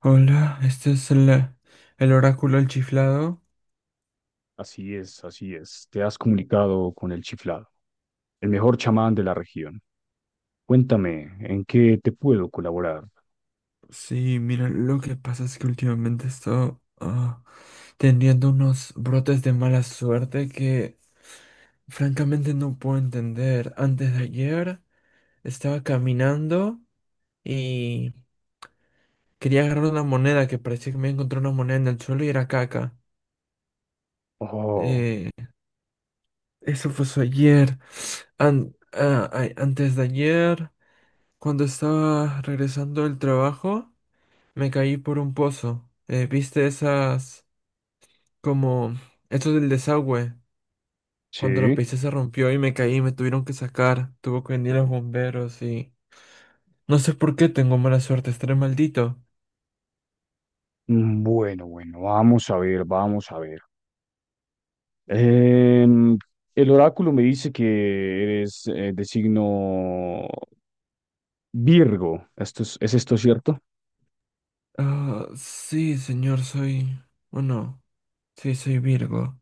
Hola, este es el oráculo del chiflado. Así es, así es. Te has comunicado con el chiflado, el mejor chamán de la región. Cuéntame, ¿en qué te puedo colaborar? Sí, mira, lo que pasa es que últimamente he estado teniendo unos brotes de mala suerte que francamente no puedo entender. Antes de ayer estaba caminando y quería agarrar una moneda que parecía que me encontré una moneda en el suelo y era caca. Oh, Eh, eso fue eso ayer. Antes de ayer, cuando estaba regresando del trabajo. Me caí por un pozo. ¿Viste esas como eso del desagüe? Cuando la sí. pisé se rompió y me caí y me tuvieron que sacar. Tuvo que venir los bomberos y no sé por qué tengo mala suerte, estaré maldito. Mm, bueno, bueno, vamos a ver, vamos a ver. Em, el oráculo me dice que eres de signo Virgo. ¿Es esto cierto? Ah, sí, señor, soy bueno, sí, soy Virgo.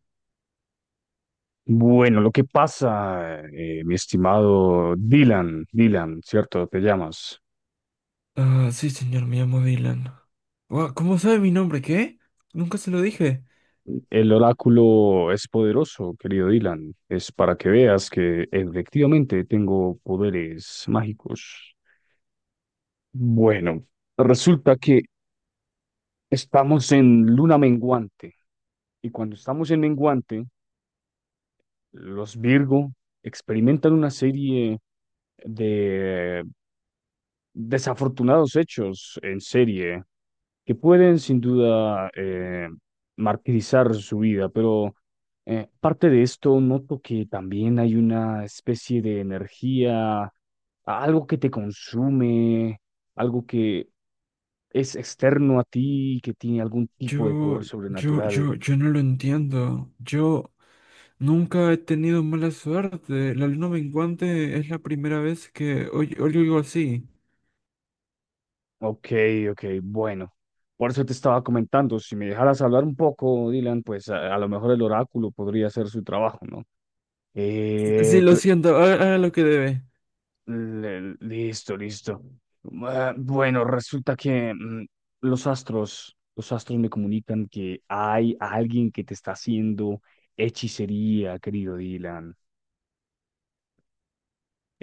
Bueno, lo que pasa, mi estimado Dylan, Dylan, ¿cierto? Te llamas. Ah, sí, señor, me llamo Dylan. Guau, ¿cómo sabe mi nombre? ¿Qué? Nunca se lo dije. El oráculo es poderoso, querido Dylan. Es para que veas que efectivamente tengo poderes mágicos. Bueno, resulta que estamos en luna menguante, y cuando estamos en menguante los Virgo experimentan una serie de desafortunados hechos en serie que pueden sin duda martirizar su vida, pero parte de esto noto que también hay una especie de energía, algo que te consume, algo que es externo a ti, que tiene algún tipo de Yo, poder yo, sobrenatural. yo, yo no lo entiendo. Yo nunca he tenido mala suerte. La luna menguante es la primera vez que oigo algo así. Ok, ok, bueno. Por eso te estaba comentando, si me dejaras hablar un poco, Dylan, pues a lo mejor el oráculo podría hacer su trabajo, ¿no? Sí, Eh, lo pe- siento, haga, haga lo que debe. Listo, listo. Ah, bueno, resulta que los astros me comunican que hay alguien que te está haciendo hechicería, querido Dylan.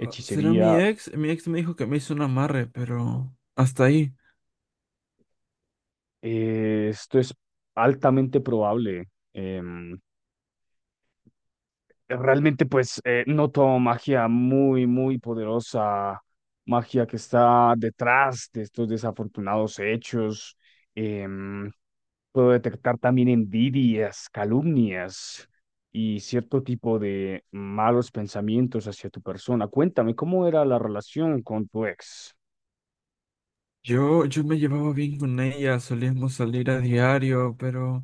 Ah, ¿será mi ex? Mi ex me dijo que me hizo un amarre, pero hasta ahí. Esto es altamente probable. em, Realmente pues noto magia muy, muy poderosa, magia que está detrás de estos desafortunados hechos. Em, puedo detectar también envidias, calumnias y cierto tipo de malos pensamientos hacia tu persona. Cuéntame, ¿cómo era la relación con tu ex? Yo me llevaba bien con ella, solíamos salir a diario, pero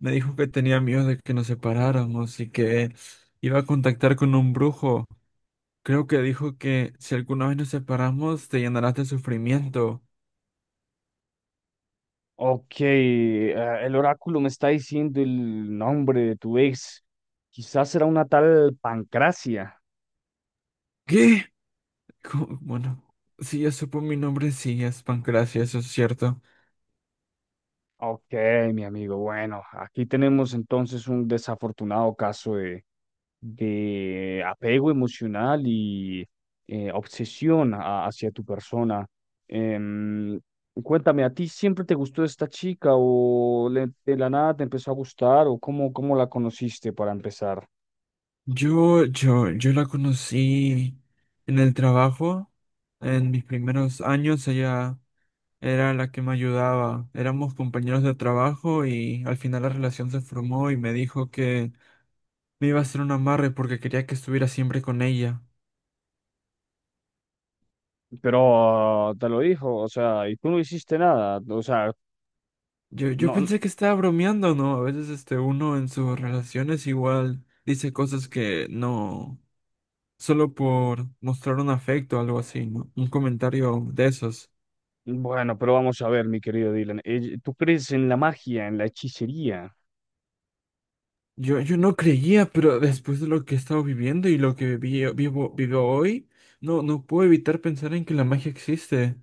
me dijo que tenía miedo de que nos separáramos y que iba a contactar con un brujo. Creo que dijo que si alguna vez nos separamos, te llenarás de sufrimiento. Ok, el oráculo me está diciendo el nombre de tu ex. Quizás era una tal Pancracia. ¿Qué? Bueno, si ya supo mi nombre, sí, es Pancracia, eso es cierto. Ok, mi amigo. Bueno, aquí tenemos entonces un desafortunado caso de apego emocional y hacia tu persona. Em, cuéntame, ¿a ti siempre te gustó esta chica o de la nada te empezó a gustar o cómo, cómo la conociste para empezar? Yo la conocí en el trabajo, en mis primeros años, ella era la que me ayudaba. Éramos compañeros de trabajo y al final la relación se formó y me dijo que me iba a hacer un amarre porque quería que estuviera siempre con ella. Pero te lo dijo, o sea, y tú no hiciste nada, o sea, Yo no, n- pensé que estaba bromeando, ¿no? A veces este uno en sus relaciones igual dice cosas que no. Solo por mostrar un afecto o algo así, ¿no? Un comentario de esos. bueno, pero vamos a ver, mi querido Dylan, ¿tú crees en la magia, en la hechicería? Yo no creía, pero después de lo que he estado viviendo y lo que vivo, vivo hoy, no, no puedo evitar pensar en que la magia existe.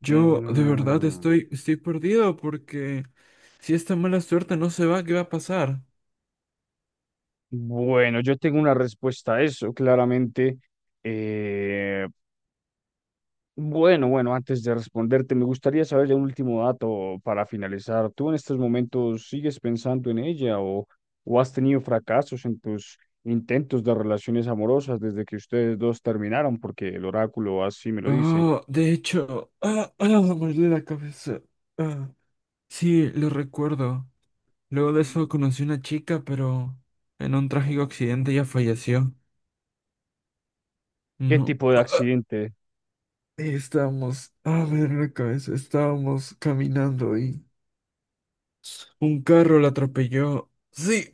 Yo de verdad Mm, estoy, estoy perdido porque si esta mala suerte no se va, ¿qué va a pasar? bueno, yo tengo una respuesta a eso, claramente. Eh, bueno, bueno, antes de responderte, me gustaría saber ya un último dato para finalizar. ¿Tú en estos momentos sigues pensando en ella, o has tenido fracasos en tus intentos de relaciones amorosas desde que ustedes dos terminaron? Porque el oráculo así me lo dice. Oh, de hecho, me duele la cabeza. Ah, sí, lo recuerdo. Luego de eso conocí una chica, pero en un trágico accidente ella falleció. ¿Qué No. tipo de accidente? Ahí estábamos. A ver la cabeza. Estábamos caminando y un carro la atropelló. Sí.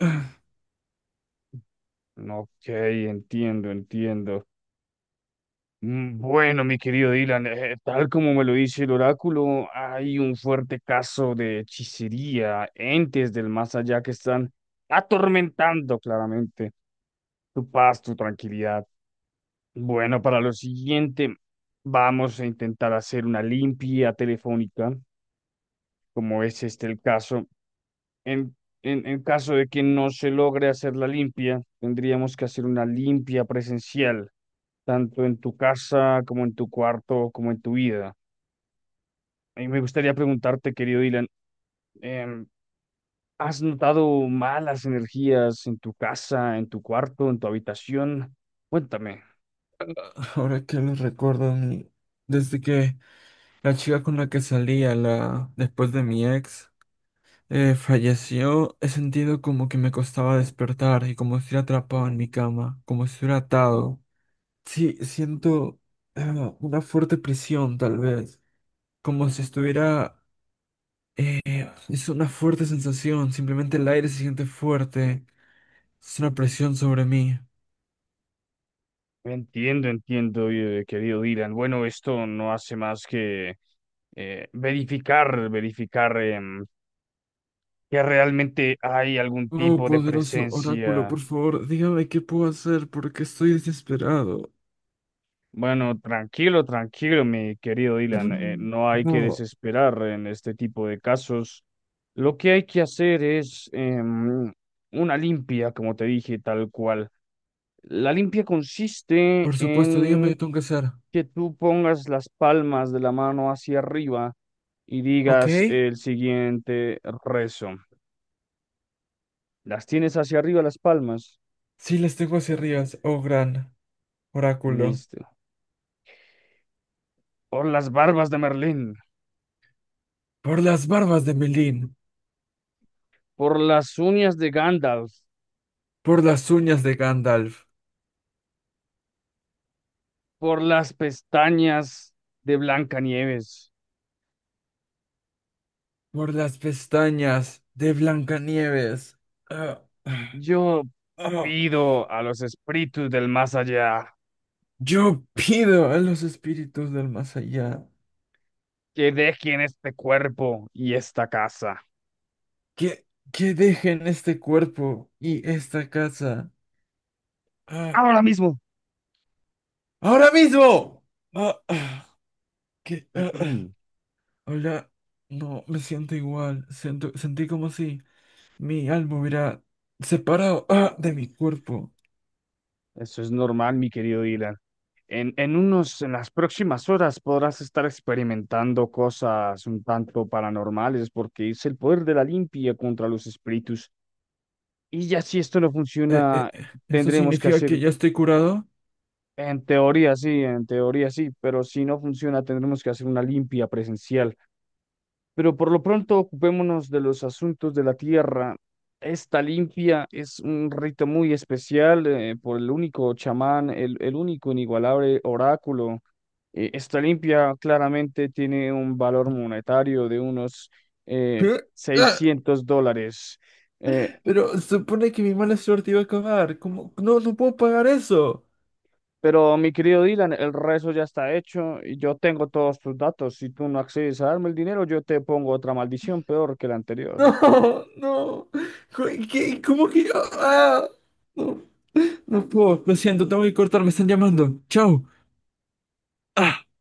Ok, entiendo, entiendo. Mm, bueno, mi querido Dylan, tal como me lo dice el oráculo, hay un fuerte caso de hechicería, entes del más allá que están atormentando claramente tu paz, tu tranquilidad. Bueno, para lo siguiente, vamos a intentar hacer una limpia telefónica, como es este el caso. En, en caso de que no se logre hacer la limpia, tendríamos que hacer una limpia presencial, tanto en tu casa como en tu cuarto, como en tu vida. Y me gustaría preguntarte, querido Dylan, em, ¿has notado malas energías en tu casa, en tu cuarto, en tu habitación? Cuéntame. Ahora que lo recuerdo, desde que la chica con la que salía, la después de mi ex, falleció, he sentido como que me costaba despertar y como si estuviera atrapado en mi cama, como si estuviera atado. Sí, siento una fuerte presión, tal vez, como si estuviera. Es una fuerte sensación, simplemente el aire se siente fuerte. Es una presión sobre mí. Entiendo, entiendo, querido Dylan. Bueno, esto no hace más que verificar, verificar. Que realmente hay algún Oh, tipo de poderoso oráculo, por presencia. favor, dígame qué puedo hacer porque estoy desesperado. Bueno, tranquilo, tranquilo, mi querido Dylan, Mm. no hay que No, desesperar en este tipo de casos. Lo que hay que hacer es una limpia, como te dije, tal cual. La limpia consiste por supuesto, dígame qué en tengo que hacer. que tú pongas las palmas de la mano hacia arriba y ¿Ok? digas el siguiente rezo. Las tienes hacia arriba las palmas. Sí, les tengo hacia arriba, oh gran oráculo. Listo. Por las barbas de Merlín, Por las barbas de Melín, por las uñas de Gandalf, por las uñas de Gandalf, por las pestañas de Blancanieves. por las pestañas de Blancanieves. Ah, ah, Yo ah. pido a los espíritus del más allá Yo pido a los espíritus del más allá que dejen este cuerpo y esta casa. que, que dejen este cuerpo y esta casa. Ah, Ahora mismo. ahora mismo. Ah, ah, que, ah, ah. Hola, no, me siento igual. Siento, sentí como si mi alma hubiera separado de mi cuerpo. Eso es normal, mi querido Dylan. En las próximas horas podrás estar experimentando cosas un tanto paranormales, porque es el poder de la limpia contra los espíritus. Y ya si esto no funciona, ¿Eso tendremos que significa que hacer, ya estoy curado? En teoría sí, pero si no funciona, tendremos que hacer una limpia presencial. Pero por lo pronto, ocupémonos de los asuntos de la tierra. Esta limpia es un rito muy especial por el único chamán, el único inigualable oráculo. Esta limpia claramente tiene un valor monetario de unos eh, ¿Eh? Ah, $600. Eh, pero supone que mi mala suerte iba a acabar. ¿Cómo? No, no puedo pagar eso. Pero mi querido Dylan, el rezo ya está hecho y yo tengo todos tus datos. Si tú no accedes a darme el dinero, yo te pongo otra maldición peor que la anterior. No, no. Co- ¿Qué? ¿Cómo que yo? Ah, no, no puedo. Lo siento, tengo que cortar, me están llamando. Chao. Ah.